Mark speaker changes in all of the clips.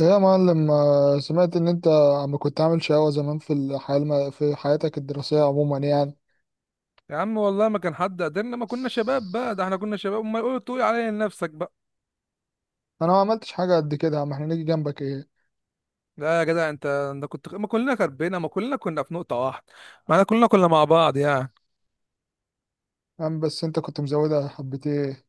Speaker 1: ايه يا معلم، سمعت ان انت عم كنت عامل شقاوة زمان في الحياة في حياتك الدراسية عموما يعني.
Speaker 2: يا عم، والله ما كان حد قدرنا. ما كنا شباب بقى؟ ده احنا كنا شباب، امال! تقول عليا لنفسك بقى.
Speaker 1: انا ما عملتش حاجة قد كده يا عم، احنا نيجي جنبك ايه؟
Speaker 2: لا يا جدع، انت كنت، ما كلنا كنا في نقطة واحدة. ما احنا كلنا كنا مع بعض يعني.
Speaker 1: يا عم بس انت كنت مزودها حبة ايه.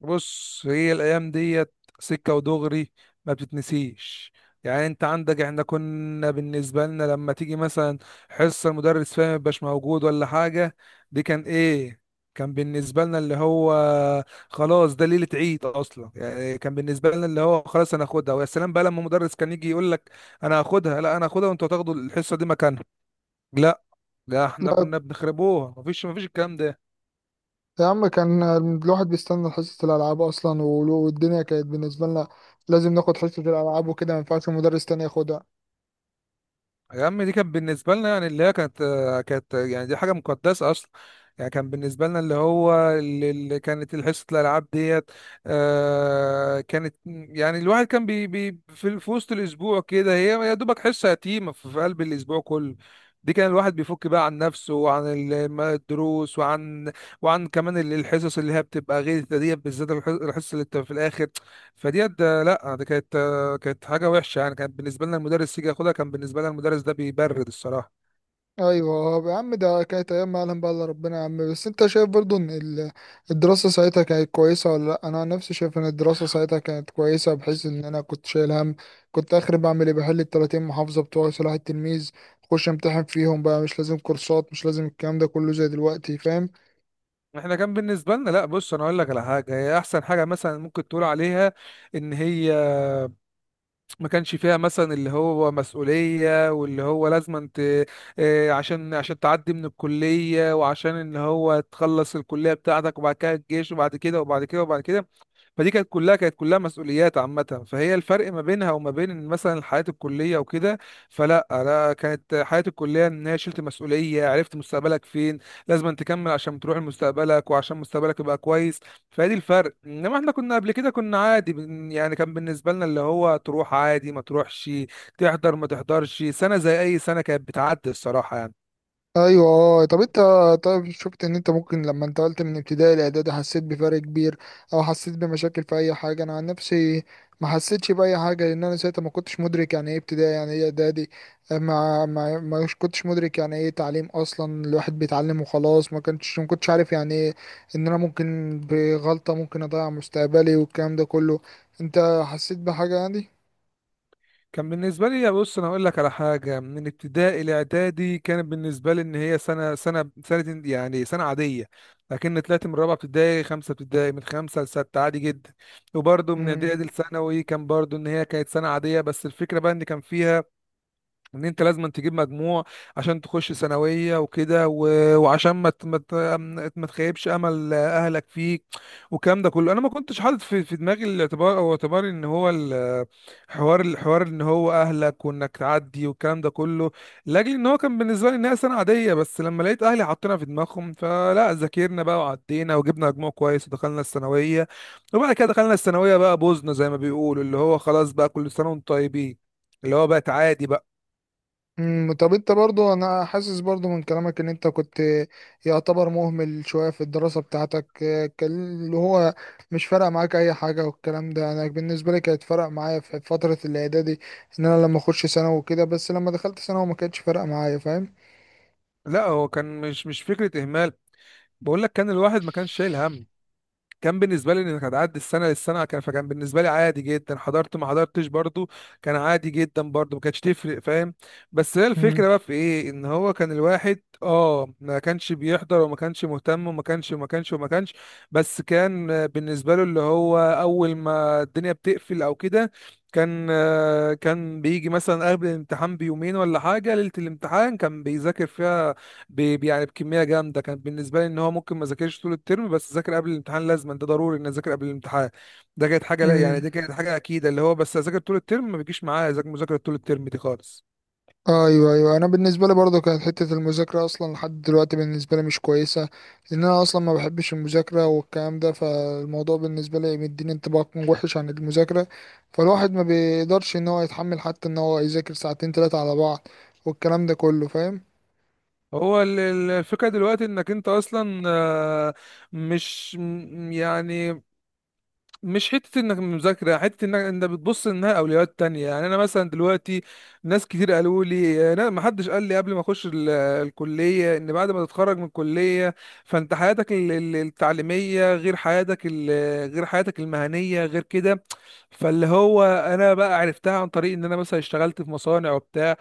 Speaker 2: بص، هي الايام ديت سكه ودغري، ما بتتنسيش. يعني انت عندك، احنا كنا بالنسبه لنا لما تيجي مثلا حصه المدرس فيها ما يبقاش موجود ولا حاجه، دي كان ايه؟ كان بالنسبه لنا اللي هو خلاص، ده ليله عيد اصلا يعني. كان بالنسبه لنا اللي هو خلاص، انا هاخدها. ويا سلام بقى لما مدرس كان يجي يقول لك: انا هاخدها، لا انا هاخدها وانتوا هتاخدوا الحصه دي مكانها. لا، لا، احنا
Speaker 1: لا
Speaker 2: كنا بنخربوها. مفيش الكلام ده.
Speaker 1: يا عم، كان الواحد بيستنى حصة الالعاب اصلا، والدنيا كانت بالنسبة لنا لازم ناخد حصة الالعاب وكده، ما ينفعش المدرس تاني ياخدها.
Speaker 2: يا عم، دي كانت بالنسبة لنا يعني اللي هي كانت يعني. دي حاجة مقدسة أصلا. يعني كان بالنسبة لنا اللي هو، اللي كانت حصة الألعاب ديت. آه، كانت يعني الواحد كان بي بي في وسط الأسبوع كده. هي يا دوبك حصة يتيمة في قلب الأسبوع كله. دي كان الواحد بيفك بقى عن نفسه وعن الدروس وعن كمان الحصص اللي هي بتبقى غير ديت، بالذات الحصة اللي بتبقى في الآخر. فديت ده، لا، دي كانت حاجه وحشه يعني. كان بالنسبه لنا المدرس يجي ياخدها، كان بالنسبه لنا المدرس ده بيبرد الصراحه.
Speaker 1: ايوه يا عم، ده كانت ايام ما يعلم بقى الا ربنا. يا عم، بس انت شايف برضو ان الدراسه ساعتها كانت كويسه ولا لا؟ انا عن نفسي شايف ان الدراسه ساعتها كانت كويسه، بحيث ان انا كنت شايل هم. كنت اخر بعمل ايه؟ بحل ال 30 محافظه بتوع صلاح التلميذ، اخش امتحن فيهم بقى. مش لازم كورسات، مش لازم الكلام ده كله زي دلوقتي، فاهم؟
Speaker 2: احنا كان بالنسبه لنا، لا بص انا اقول لك على حاجه. هي احسن حاجه مثلا ممكن تقول عليها، ان هي ما كانش فيها مثلا اللي هو مسؤوليه، واللي هو لازم انت، عشان تعدي من الكليه، وعشان ان هو تخلص الكليه بتاعتك، وبعد كده الجيش وبعد كده وبعد كده وبعد كده. فدي كانت كلها مسؤوليات عامة. فهي الفرق ما بينها وما بين مثلا الحياة الكلية وكده. فلا، أنا كانت حياة الكلية إن هي شلت مسؤولية، عرفت مستقبلك فين، لازم أن تكمل عشان تروح لمستقبلك وعشان مستقبلك يبقى كويس. فدي الفرق. إنما إحنا كنا قبل كده كنا عادي يعني كان بالنسبة لنا اللي هو تروح عادي ما تروحش، تحضر ما تحضرش، سنة زي أي سنة كانت بتعدي الصراحة يعني.
Speaker 1: ايوه اه. طب انت، طيب شفت ان انت ممكن لما انتقلت من ابتدائي لاعدادي حسيت بفرق كبير، او حسيت بمشاكل في اي حاجه؟ انا عن نفسي ما حسيتش باي حاجه، لان انا ساعتها ما كنتش مدرك يعني ايه ابتدائي يعني ايه اعدادي. ما كنتش مدرك يعني ايه تعليم اصلا، الواحد بيتعلم وخلاص، ما كنتش عارف يعني ايه ان انا ممكن بغلطه ممكن اضيع مستقبلي والكلام ده كله. انت حسيت بحاجه
Speaker 2: كان بالنسبة لي، بص أنا هقول لك على حاجة، من ابتدائي لإعدادي كانت بالنسبة لي إن هي سنة يعني سنة عادية. لكن طلعت من رابعة ابتدائي، خمسة ابتدائي، من خمسة لستة عادي جدا. وبرضه من
Speaker 1: يعني؟
Speaker 2: إعدادي لثانوي كان برضه إن هي كانت سنة عادية. بس الفكرة بقى إن كان فيها ان انت لازم تجيب مجموع عشان تخش ثانويه وكده وعشان ما تخيبش امل اهلك فيك، والكلام ده كله انا ما كنتش حاطط في دماغي الاعتبار او اعتبار ان هو حوار ان هو اهلك وانك تعدي والكلام ده كله. لاجل ان هو كان بالنسبه لي انها سنه عاديه، بس لما لقيت اهلي حاطينها في دماغهم، فلا، ذاكرنا بقى وعدينا وجبنا مجموع كويس ودخلنا الثانويه. وبعد كده دخلنا الثانويه بقى، بوزنا زي ما بيقولوا، اللي هو خلاص بقى كل سنه وانتم طيبين. اللي هو بقت عادي بقى.
Speaker 1: مم. طب انت برضو، انا حاسس برضو من كلامك ان انت كنت يعتبر مهمل شوية في الدراسة بتاعتك. كان اللي هو مش فارق معاك اي حاجة والكلام ده. انا بالنسبة لي كانت فارق معايا في فترة الاعدادي ان انا لما اخش ثانوي وكده، بس لما دخلت ثانوي ما كانتش فارقة معايا، فاهم؟
Speaker 2: لا، هو كان مش فكرة إهمال. بقول لك، كان الواحد ما كانش شايل هم. كان بالنسبة لي إنك هتعدي السنة للسنة. كان بالنسبة لي عادي جدا، حضرت ما حضرتش برضو كان عادي جدا، برضو ما كانتش تفرق، فاهم؟ بس هي الفكرة
Speaker 1: مم.
Speaker 2: بقى في إيه؟ إن هو كان الواحد ما كانش بيحضر وما كانش مهتم وما كانش وما كانش وما كانش. بس كان بالنسبة له اللي هو أول ما الدنيا بتقفل أو كده، كان بيجي مثلا قبل الامتحان بيومين ولا حاجة. ليلة الامتحان كان بيذاكر فيها يعني بكميه جامده. كان بالنسبه لي ان هو ممكن ما ذاكرش طول الترم، بس ذاكر قبل الامتحان، لازما ده ضروري ان اذاكر قبل الامتحان. ده كانت حاجه، لا يعني
Speaker 1: مم،
Speaker 2: دي كانت حاجه اكيده. اللي هو بس اذاكر طول الترم ما بيجيش معايا، اذاكر مذاكره طول الترم دي خالص.
Speaker 1: ايوه ايوه. انا بالنسبه لي برضو كانت حته المذاكره اصلا لحد دلوقتي بالنسبه لي مش كويسه، لان انا اصلا ما بحبش المذاكره والكلام ده، فالموضوع بالنسبه لي مديني انطباع وحش عن المذاكره، فالواحد ما بيقدرش ان هو يتحمل حتى ان هو يذاكر ساعتين ثلاثه على بعض والكلام ده كله، فاهم؟
Speaker 2: هو الفكره دلوقتي انك انت اصلا، مش يعني مش حتة انك مذاكرة، حتة انك انت بتبص انها اولويات تانية. يعني انا مثلا دلوقتي، ناس كتير قالوا لي، انا ما حدش قال لي قبل ما اخش الكلية ان بعد ما تتخرج من الكلية، فانت حياتك التعليمية غير حياتك غير حياتك المهنية، غير كده. فاللي هو انا بقى عرفتها عن طريق ان انا مثلا اشتغلت في مصانع وبتاع.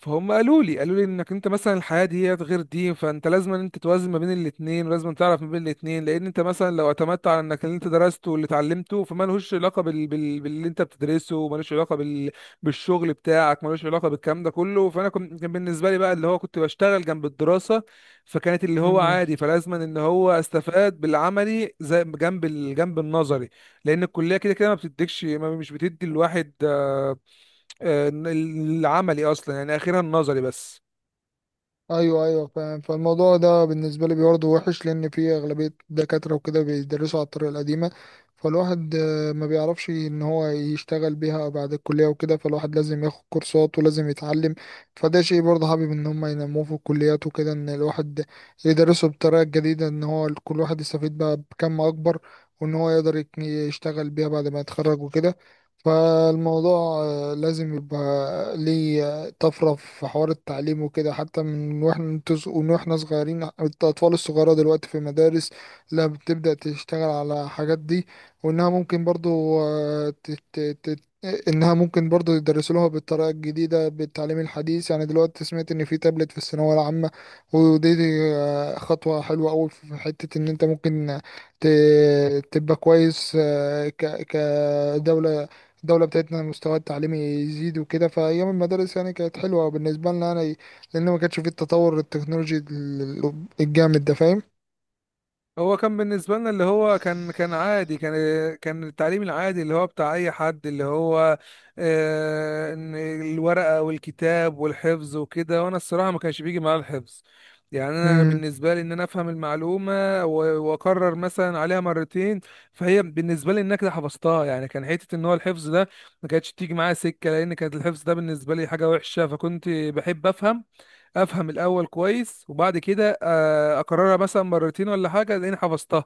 Speaker 2: فهم قالوا لي انك انت مثلا الحياه دي غير دي. فانت لازم ان انت توازن ما بين الاثنين، ولازم تعرف ما بين الاثنين، لان انت مثلا لو اعتمدت على انك اللي انت درسته واللي اتعلمته، فما لهوش علاقه باللي انت بتدرسه، ومالوش علاقه بالشغل بتاعك، مالوش علاقه بالكلام ده كله. فانا كان بالنسبه لي بقى اللي هو كنت بشتغل جنب الدراسه، فكانت اللي هو عادي، فلازم ان هو استفاد بالعملي زي جنب النظري. لان الكليه كده كده ما بتديكش ما مش بتدي الواحد العملي اصلا، يعني اخيرا النظري بس.
Speaker 1: ايوه ايوه فاهم. فالموضوع ده بالنسبه لي برضه وحش، لان في اغلبيه دكاتره وكده بيدرسوا على الطريقه القديمه، فالواحد ما بيعرفش ان هو يشتغل بيها بعد الكليه وكده، فالواحد لازم ياخد كورسات ولازم يتعلم. فده شيء برضه حابب ان هم ينموه في الكليات وكده، ان الواحد يدرسه بطريقه جديده، ان هو كل واحد يستفيد بقى بكم اكبر، وان هو يقدر يشتغل بيها بعد ما يتخرج وكده. فالموضوع لازم يبقى ليه طفرة في حوار التعليم وكده، حتى من واحنا انتوا من واحنا صغيرين. الأطفال الصغيرة دلوقتي في المدارس لا، بتبدأ تشتغل على حاجات دي، وإنها ممكن برضو إنها ممكن برضو يدرسوا لها بالطريقة الجديدة بالتعليم الحديث. يعني دلوقتي سمعت إن في تابلت في الثانوية العامة، ودي، خطوة حلوة أوي في حتة إن أنت ممكن تبقى كويس كدولة. الدولة بتاعتنا المستوى التعليمي يزيد وكده. فأيام المدارس يعني كانت حلوة بالنسبة لنا يعني، لأن ما كانش فيه التطور التكنولوجي الجامد ده، فاهم؟
Speaker 2: هو كان بالنسبه لنا اللي هو كان عادي، كان التعليم العادي اللي هو بتاع اي حد، اللي هو إن الورقه والكتاب والحفظ وكده. وانا الصراحه ما كانش بيجي معايا الحفظ. يعني انا بالنسبه لي ان انا افهم المعلومه واكرر مثلا عليها مرتين، فهي بالنسبه لي ان انا كده حفظتها يعني. كان حته ان هو الحفظ ده ما كانتش تيجي معايا سكه، لان كانت الحفظ ده بالنسبه لي حاجه وحشه. فكنت بحب افهم الاول كويس، وبعد كده اكررها مثلا مرتين ولا حاجه لاني حفظتها.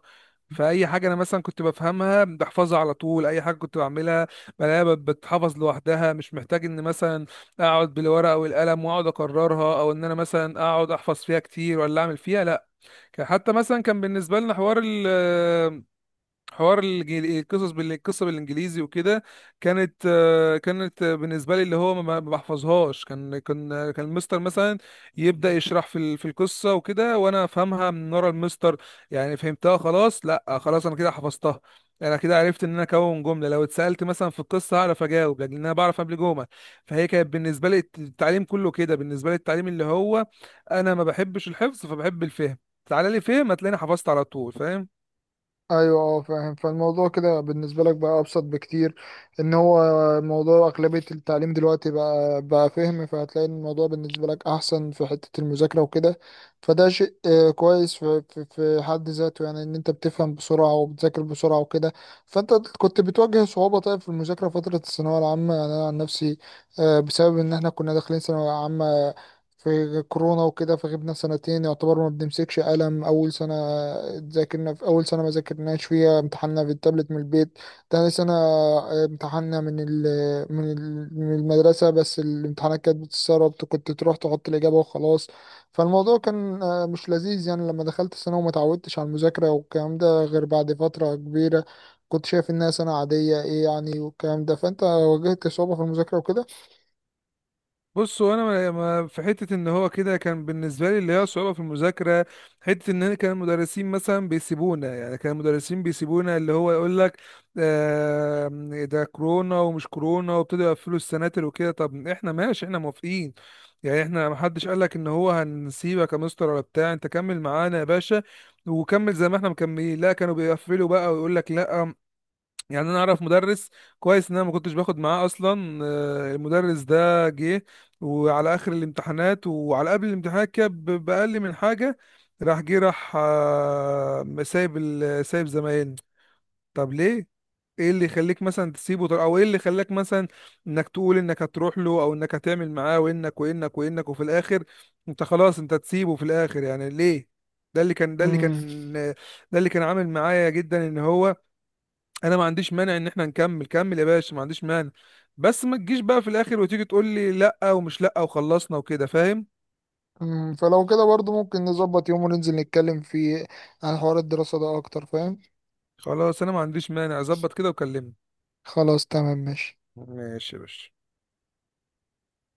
Speaker 2: فاي حاجه انا مثلا كنت بفهمها بحفظها على طول. اي حاجه كنت بعملها بلاقيها بتحفظ لوحدها، مش محتاج ان مثلا اقعد بالورقه والقلم واقعد اكررها، او ان انا مثلا اقعد احفظ فيها كتير ولا اعمل فيها، لا. حتى مثلا كان بالنسبه لنا حوار القصص القصه بالانجليزي وكده. كانت بالنسبه لي اللي هو ما بحفظهاش. كان المستر مثلا يبدا يشرح في القصه وكده، وانا افهمها من ورا المستر. يعني فهمتها خلاص، لا خلاص انا كده حفظتها. انا كده عرفت ان انا اكون جمله، لو اتسالت مثلا في القصه هعرف اجاوب، لان انا بعرف قبل جمل. فهي كانت بالنسبه لي التعليم كله كده. بالنسبه لي التعليم اللي هو انا ما بحبش الحفظ، فبحب الفهم. تعالى لي فهم، هتلاقيني حفظت على طول، فاهم؟
Speaker 1: ايوه اه فاهم. فالموضوع كده بالنسبه لك بقى ابسط بكتير، ان هو موضوع اغلبيه التعليم دلوقتي بقى فهم، فهتلاقي ان الموضوع بالنسبه لك احسن في حته المذاكره وكده. فده شيء كويس في حد ذاته، يعني ان انت بتفهم بسرعه وبتذاكر بسرعه وكده. فانت كنت بتواجه صعوبه طيب في المذاكره فتره الثانويه العامه؟ يعني انا عن نفسي بسبب ان احنا كنا داخلين ثانويه عامه في كورونا وكده، فغبنا سنتين يعتبر ما بنمسكش قلم اول سنه. ذاكرنا في اول سنه ما ذاكرناش فيها، امتحاننا في التابلت من البيت. تاني سنه امتحاننا من المدرسه، بس الامتحانات كانت بتتسرب، كنت تروح تحط الاجابه وخلاص. فالموضوع كان مش لذيذ، يعني لما دخلت السنه وما اتعودتش على المذاكره والكلام ده غير بعد فتره كبيره كنت شايف انها سنه عاديه، ايه يعني والكلام ده، فانت واجهت صعوبه في المذاكره
Speaker 2: بص هو انا في حته ان هو كده كان بالنسبه لي اللي هي صعوبه في المذاكره. حته ان انا كان المدرسين مثلا بيسيبونا، يعني كان المدرسين بيسيبونا اللي هو يقول لك: آه، ده كورونا ومش كورونا، وابتدوا يقفلوا السناتر وكده. طب احنا ماشي، احنا موافقين. يعني احنا ما حدش قال لك ان هو هنسيبك يا مستر ولا بتاع، انت كمل معانا يا باشا وكمل زي ما احنا مكملين، لا كانوا بيقفلوا بقى ويقول لك لا. يعني انا اعرف مدرس كويس، ان انا ما كنتش باخد معاه اصلا. المدرس ده جه وعلى اخر الامتحانات وعلى قبل الامتحانات كده باقل من حاجه. راح جه راح، سايب زمايلنا. طب ليه؟ ايه اللي يخليك مثلا تسيبه، او ايه اللي خلاك مثلا انك تقول انك هتروح له او انك هتعمل معاه، وانك وانك وانك، وفي الاخر انت خلاص تسيبه في الاخر، يعني ليه؟ ده اللي كان ده اللي
Speaker 1: وكده.
Speaker 2: كان ده اللي كان عامل معايا جدا، ان هو انا ما عنديش مانع ان احنا نكمل. كمل يا باشا، ما عنديش مانع. بس ما تجيش بقى في الاخر وتيجي تقول لي لا، ومش لا، وخلصنا وكده، فاهم؟
Speaker 1: مم، فلو كده برضو ممكن نظبط يوم وننزل نتكلم فيه عن حوار الدراسة ده أكتر، فاهم؟
Speaker 2: خلاص، انا ما عنديش مانع، اظبط كده وكلمني.
Speaker 1: خلاص تمام ماشي.
Speaker 2: ماشي يا باشا.